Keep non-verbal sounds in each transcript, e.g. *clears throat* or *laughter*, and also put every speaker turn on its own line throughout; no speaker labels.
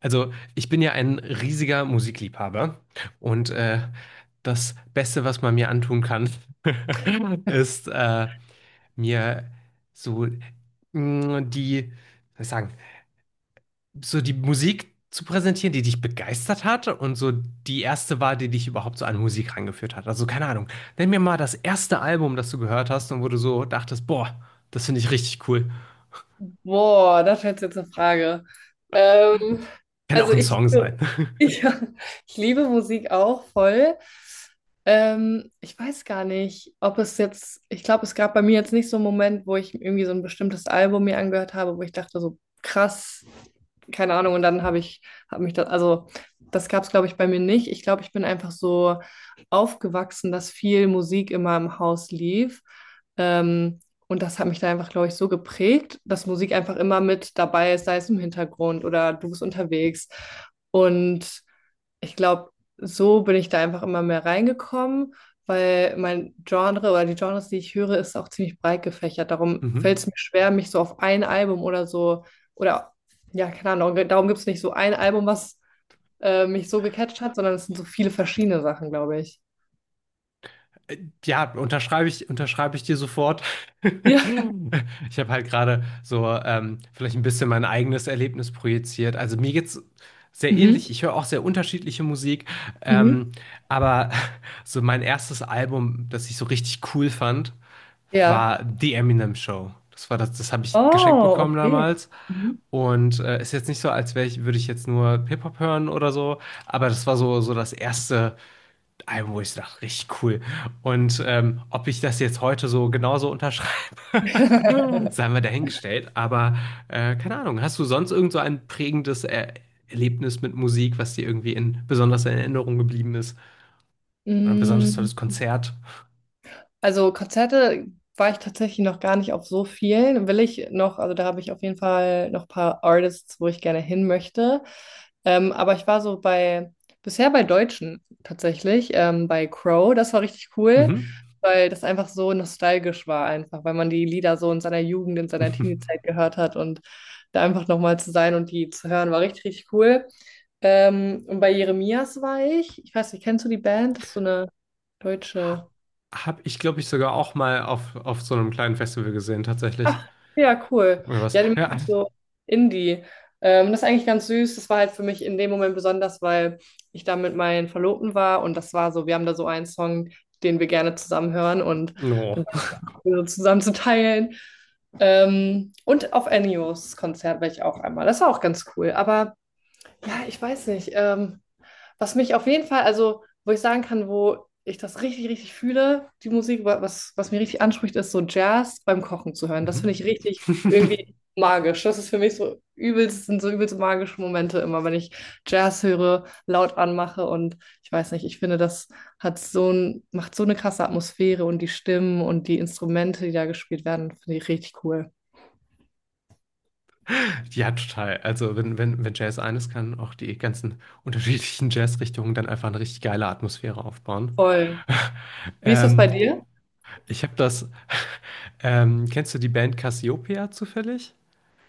Also, ich bin ja ein riesiger Musikliebhaber und das Beste, was man mir antun kann, *laughs* ist mir so die, was soll ich sagen, so die Musik zu präsentieren, die dich begeistert hat und so die erste war, die dich überhaupt so an Musik rangeführt hat. Also, keine Ahnung, nenn mir mal das erste Album, das du gehört hast und wo du so dachtest, boah, das finde ich richtig cool.
Boah, da fällt jetzt eine Frage. Ähm,
Kann auch
also
ein
ich
Song
liebe,
sein.
*laughs* ich, ich liebe Musik auch voll. Ich weiß gar nicht, ob es jetzt, ich glaube, es gab bei mir jetzt nicht so einen Moment, wo ich irgendwie so ein bestimmtes Album mir angehört habe, wo ich dachte so, krass, keine Ahnung. Und dann habe mich da, also das gab es, glaube ich, bei mir nicht. Ich glaube, ich bin einfach so aufgewachsen, dass viel Musik immer im Haus lief. Ähm, und das hat mich da einfach, glaube ich, so geprägt, dass Musik einfach immer mit dabei ist, sei es im Hintergrund oder du bist unterwegs. Und ich glaube, so bin ich da einfach immer mehr reingekommen, weil mein Genre oder die Genres, die ich höre, ist auch ziemlich breit gefächert.
*laughs*
Darum
Mhm.
fällt es mir schwer, mich so auf ein Album oder so, oder ja, keine Ahnung, darum gibt es nicht so ein Album, was mich so gecatcht hat, sondern es sind so viele verschiedene Sachen, glaube ich.
Ja, unterschreibe ich dir sofort.
Ja.
*laughs*
*laughs*
Ich habe halt gerade so vielleicht ein bisschen mein eigenes Erlebnis projiziert. Also mir geht's sehr
Mhm.
ähnlich. Ich höre auch sehr unterschiedliche Musik.
Mhm.
Ähm, aber *laughs* so mein erstes Album, das ich so richtig cool fand,
Ja.
war The Eminem Show. Das war das, das habe ich geschenkt
Oh,
bekommen
okay.
damals.
Mhm.
Und ist jetzt nicht so, als wäre ich, würde ich jetzt nur Hip-Hop hören oder so, aber das war so, so das erste Album, wo ich dachte, richtig cool. Und ob ich das jetzt heute so genauso unterschreibe, *laughs*
*laughs*
sei mal dahingestellt. Aber keine Ahnung, hast du sonst irgend so ein prägendes Erlebnis mit Musik, was dir irgendwie in besonders in Erinnerung geblieben ist? Oder ein besonders
Mm,
tolles Konzert?
also Konzerte war ich tatsächlich noch gar nicht auf so vielen. Will ich noch, also da habe ich auf jeden Fall noch ein paar Artists, wo ich gerne hin möchte. Aber ich war so bei, bisher bei Deutschen tatsächlich, bei Crow. Das war richtig cool,
Mhm.
weil das einfach so nostalgisch war einfach, weil man die Lieder so in seiner Jugend, in seiner
*laughs*
Teenie-Zeit gehört hat und da einfach nochmal zu sein und die zu hören, war richtig, richtig cool. Und bei Jeremias war ich, ich weiß nicht, kennst du die Band? Das ist so eine
Ha-
Deutsche.
Hab ich, glaube ich, sogar auch mal auf so einem kleinen Festival gesehen, tatsächlich.
Ach, ja, cool.
Irgendwas.
Ja, die
Ja.
machen so Indie. Das ist eigentlich ganz süß. Das war halt für mich in dem Moment besonders, weil ich da mit meinen Verlobten war und das war so, wir haben da so einen Song, den wir gerne zusammen hören und
No.
dann war es einfach cool, so zusammen zu teilen. Und auf Enios Konzert war ich auch einmal. Das war auch ganz cool. Aber ja, ich weiß nicht. Was mich auf jeden Fall, also wo ich sagen kann, wo ich das richtig, richtig fühle, die Musik, was, was mir richtig anspricht, ist so Jazz beim Kochen zu hören. Das finde
Mhm.
ich richtig
*laughs*
irgendwie magisch. Das ist für mich so übelst, sind so übelst magische Momente immer, wenn ich Jazz höre, laut anmache und ich weiß nicht, ich finde, das hat macht so eine krasse Atmosphäre und die Stimmen und die Instrumente, die da gespielt werden, finde ich richtig cool.
Ja, total. Also wenn Jazz eines kann, auch die ganzen unterschiedlichen Jazzrichtungen dann einfach eine richtig geile Atmosphäre aufbauen.
Voll. Wie ist das
Ähm,
bei dir?
ich habe das, kennst du die Band Cassiopeia zufällig?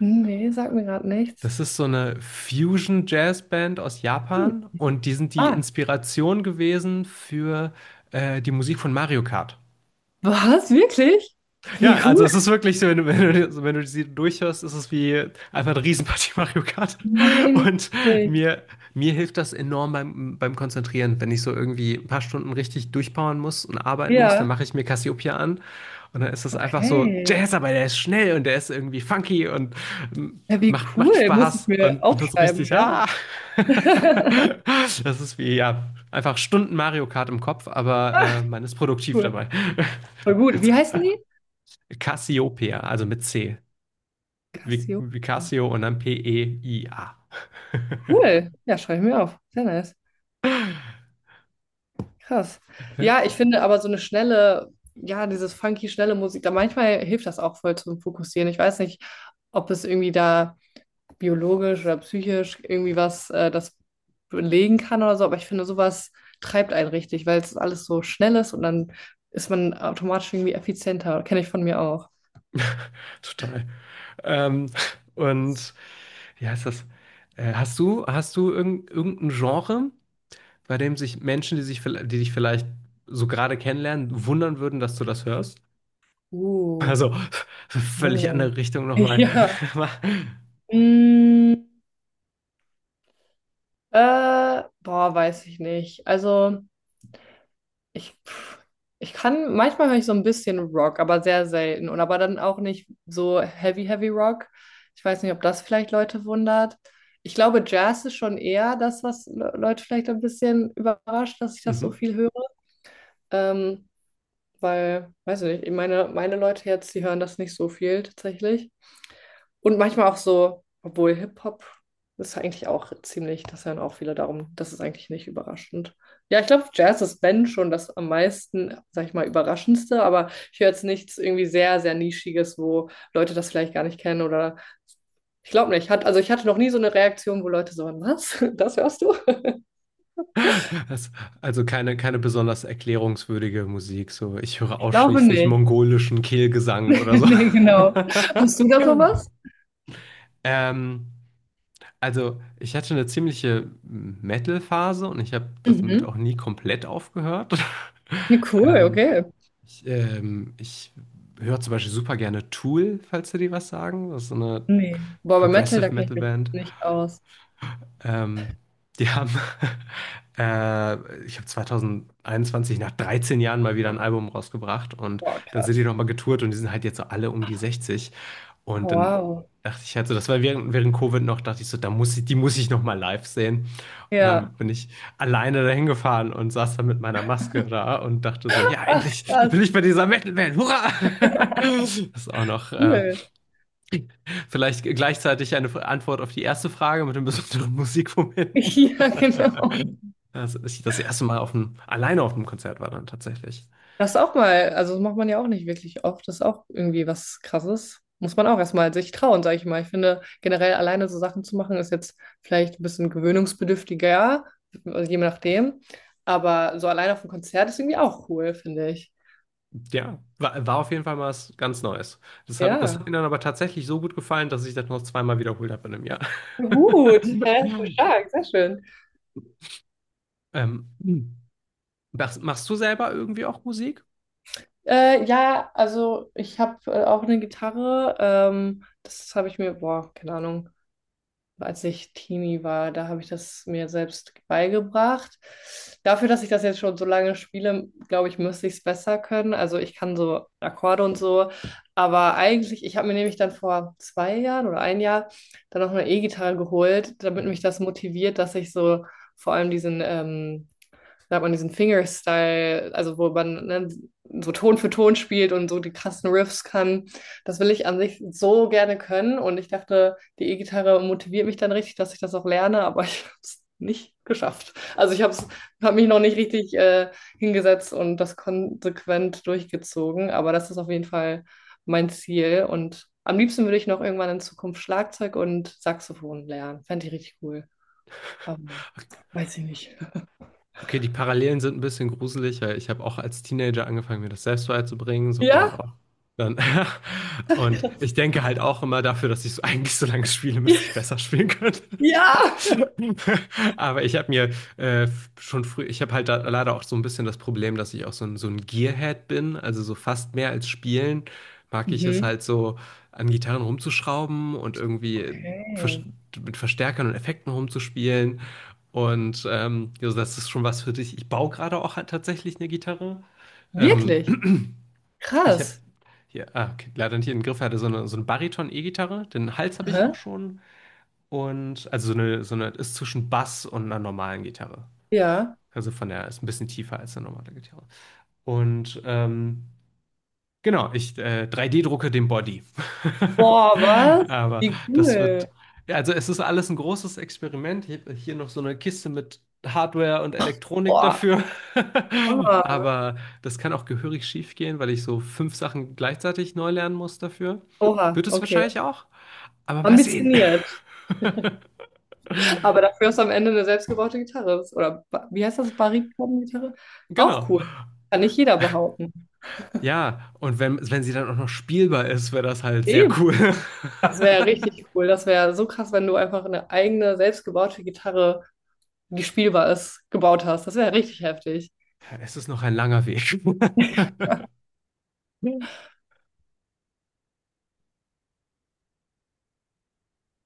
Hm, nee, sagt mir gerade nichts.
Das ist so eine Fusion-Jazz-Band aus
Hm.
Japan und die sind die
Ah.
Inspiration gewesen für die Musik von Mario Kart.
Was? Wirklich? Wie
Ja, also
cool.
es ist wirklich so, wenn du sie durchhörst, ist es wie einfach eine Riesenpartie Mario Kart.
Nein,
Und
witzig.
mir, mir hilft das enorm beim Konzentrieren. Wenn ich so irgendwie ein paar Stunden richtig durchpowern muss und arbeiten muss, dann
Ja,
mache ich mir Cassiopeia an. Und dann ist es einfach so,
okay.
der ist schnell und der ist irgendwie funky und ähm,
Ja, wie
macht
cool. Muss ich
Spaß
mir
und das ist
aufschreiben,
richtig,
ja.
ah!
*laughs*
*laughs* Das ist wie, ja, einfach Stunden Mario Kart im Kopf, aber
Ach,
man ist produktiv
cool.
dabei.
Voll gut. Wie
*laughs*
heißen die?
Cassiopeia, also mit C. Wie
Cassiopeia.
Cassio und dann P-E-I-A.
Cool. Ja, schreibe ich mir auf. Sehr nice. Krass. Ja,
*laughs*
ich finde aber so eine schnelle, ja, dieses funky, schnelle Musik, da manchmal hilft das auch voll zum Fokussieren. Ich weiß nicht, ob es irgendwie da biologisch oder psychisch irgendwie was das belegen kann oder so, aber ich finde, sowas treibt einen richtig, weil es alles so schnell ist und dann ist man automatisch irgendwie effizienter. Kenne ich von mir auch.
Total. Ähm, und wie heißt das? Hast du irgendein Genre, bei dem sich Menschen, die dich vielleicht so gerade kennenlernen, wundern würden, dass du das hörst?
Uh,
Also, *laughs* völlig
oh.
andere Richtung
*laughs*
nochmal.
Ja. Mm, boah, weiß ich nicht. Also ich, pff, ich kann, manchmal höre ich so ein bisschen Rock, aber sehr selten. Und aber dann auch nicht so heavy, heavy Rock. Ich weiß nicht, ob das vielleicht Leute wundert. Ich glaube, Jazz ist schon eher das, was Leute vielleicht ein bisschen überrascht, dass ich
*laughs*
das so
Mhm.
viel höre. Ähm, Weil, weiß ich nicht, meine Leute jetzt, die hören das nicht so viel tatsächlich. Und manchmal auch so, obwohl Hip-Hop ist eigentlich auch ziemlich, das hören auch viele darum, das ist eigentlich nicht überraschend. Ja, ich glaube, Jazz ist Ben schon das am meisten, sag ich mal, überraschendste, aber ich höre jetzt nichts irgendwie sehr, sehr Nischiges, wo Leute das vielleicht gar nicht kennen oder ich glaube nicht. Hat, also ich hatte noch nie so eine Reaktion, wo Leute so, was? *laughs* Das hörst du?
Das, also keine besonders erklärungswürdige Musik. So, ich höre
Ich glaube
ausschließlich
nicht.
mongolischen Kehlgesang oder
*laughs*
so.
Nee, genau. Hast du da
*laughs*
sowas?
Ähm, also ich hatte eine ziemliche Metal-Phase und ich habe damit
Mhm.
auch nie komplett aufgehört. *laughs*
Nee, cool,
Ähm,
okay.
ich höre zum Beispiel super gerne Tool, falls dir die was sagen. Das ist so eine
Nee. Boah, bei Metal, da
Progressive
kenne ich
Metal
mich
Band.
nicht aus.
Ähm, die haben, *laughs* ich habe 2021 nach 13 Jahren mal wieder ein Album rausgebracht und
Boah,
dann sind die
krass.
nochmal getourt und die sind halt jetzt so alle um die 60.
Ah,
Und dann
wow.
dachte ich halt so, das war während Covid noch, dachte ich so, die muss ich nochmal live sehen. Und dann
Ja.
bin ich alleine dahin gefahren und saß dann mit meiner Maske da und dachte so, ja,
Ach,
endlich
krass,
bin ich bei dieser Metal Band, hurra! *laughs* Das ist auch noch
cool.
vielleicht gleichzeitig eine Antwort auf die erste Frage mit den besonderen Musikmomenten.
*laughs* Ja, genau.
Als ich das erste Mal alleine auf dem Konzert war dann tatsächlich.
Das auch mal, also macht man ja auch nicht wirklich oft. Das ist auch irgendwie was Krasses. Muss man auch erstmal sich trauen, sage ich mal. Ich finde, generell alleine so Sachen zu machen, ist jetzt vielleicht ein bisschen gewöhnungsbedürftiger, also je nachdem. Aber so alleine auf einem Konzert ist irgendwie auch cool, finde ich.
Ja, war auf jeden Fall mal was ganz Neues. Das
Ja.
hat mir dann aber tatsächlich so gut gefallen, dass ich das noch zweimal wiederholt habe in einem Jahr.
Gut, hä? So
*laughs*
stark, sehr schön.
Ähm, machst du selber irgendwie auch Musik?
Ja, also ich habe auch eine Gitarre. Das habe ich mir, boah, keine Ahnung, als ich Teenie war. Da habe ich das mir selbst beigebracht. Dafür, dass ich das jetzt schon so lange spiele, glaube ich, müsste ich es besser können. Also ich kann so Akkorde und so. Aber eigentlich, ich habe mir nämlich dann vor zwei Jahren oder ein Jahr dann noch eine E-Gitarre geholt, damit mich das motiviert, dass ich so vor allem diesen da hat man diesen Fingerstyle, also wo man ne, so Ton für Ton spielt und so die krassen Riffs kann. Das will ich an sich so gerne können und ich dachte, die E-Gitarre motiviert mich dann richtig, dass ich das auch lerne, aber *laughs* ich habe es nicht geschafft. Also ich habe hab mich noch nicht richtig hingesetzt und das konsequent durchgezogen, aber das ist auf jeden Fall mein Ziel und am liebsten würde ich noch irgendwann in Zukunft Schlagzeug und Saxophon lernen. Fände ich richtig cool. Aber weiß ich nicht. *laughs*
Okay, die Parallelen sind ein bisschen gruselig, weil ich habe auch als Teenager angefangen, mir das selbst beizubringen, so on
Ja?
und off. Dann, *laughs* und ich denke halt auch immer dafür, dass ich so *laughs* eigentlich so lange spiele, müsste ich besser spielen können.
Ja!
*laughs* Aber ich habe mir äh, schon früh, ich habe halt da leider auch so ein bisschen das Problem, dass ich auch so ein Gearhead bin, also so fast mehr als spielen, mag ich es
Mhm.
halt so an Gitarren rumzuschrauben und irgendwie vers-
Okay.
mit Verstärkern und Effekten rumzuspielen. Und also das ist schon was für dich. Ich baue gerade auch halt tatsächlich eine Gitarre. Ähm,
Wirklich?
*clears throat* ich habe
Krass.
hier, ah, okay, leider nicht in den Griff hatte, so eine Bariton-E-Gitarre. Den Hals habe ich auch
Aha.
schon und also so eine ist zwischen Bass und einer normalen Gitarre.
Ja.
Also von der ist ein bisschen tiefer als eine normale Gitarre. Und genau, ich 3D-drucke den Body.
Boah,
*laughs*
was?
Aber
Wie
das
cool.
wird, ja, also es ist alles ein großes Experiment. Ich hab hier noch so eine Kiste mit Hardware und Elektronik
Boah.
dafür. *laughs*
Hammer.
Aber das kann auch gehörig schief gehen, weil ich so fünf Sachen gleichzeitig neu lernen muss dafür.
Oha,
Wird es
okay.
wahrscheinlich auch. Aber mal sehen. *laughs*
Ambitioniert. Aber dafür ist am Ende eine selbstgebaute Gitarre. Oder wie heißt das? Bariton-Gitarre? Auch
Genau.
cool. Kann nicht jeder behaupten.
Ja, und wenn, wenn sie dann auch noch spielbar ist, wäre das halt sehr
Eben.
cool. *laughs*
Das wäre richtig cool. Das wäre so krass, wenn du einfach eine eigene selbstgebaute Gitarre, die spielbar ist, gebaut hast. Das wäre richtig heftig.
Es ist noch ein langer Weg. *laughs*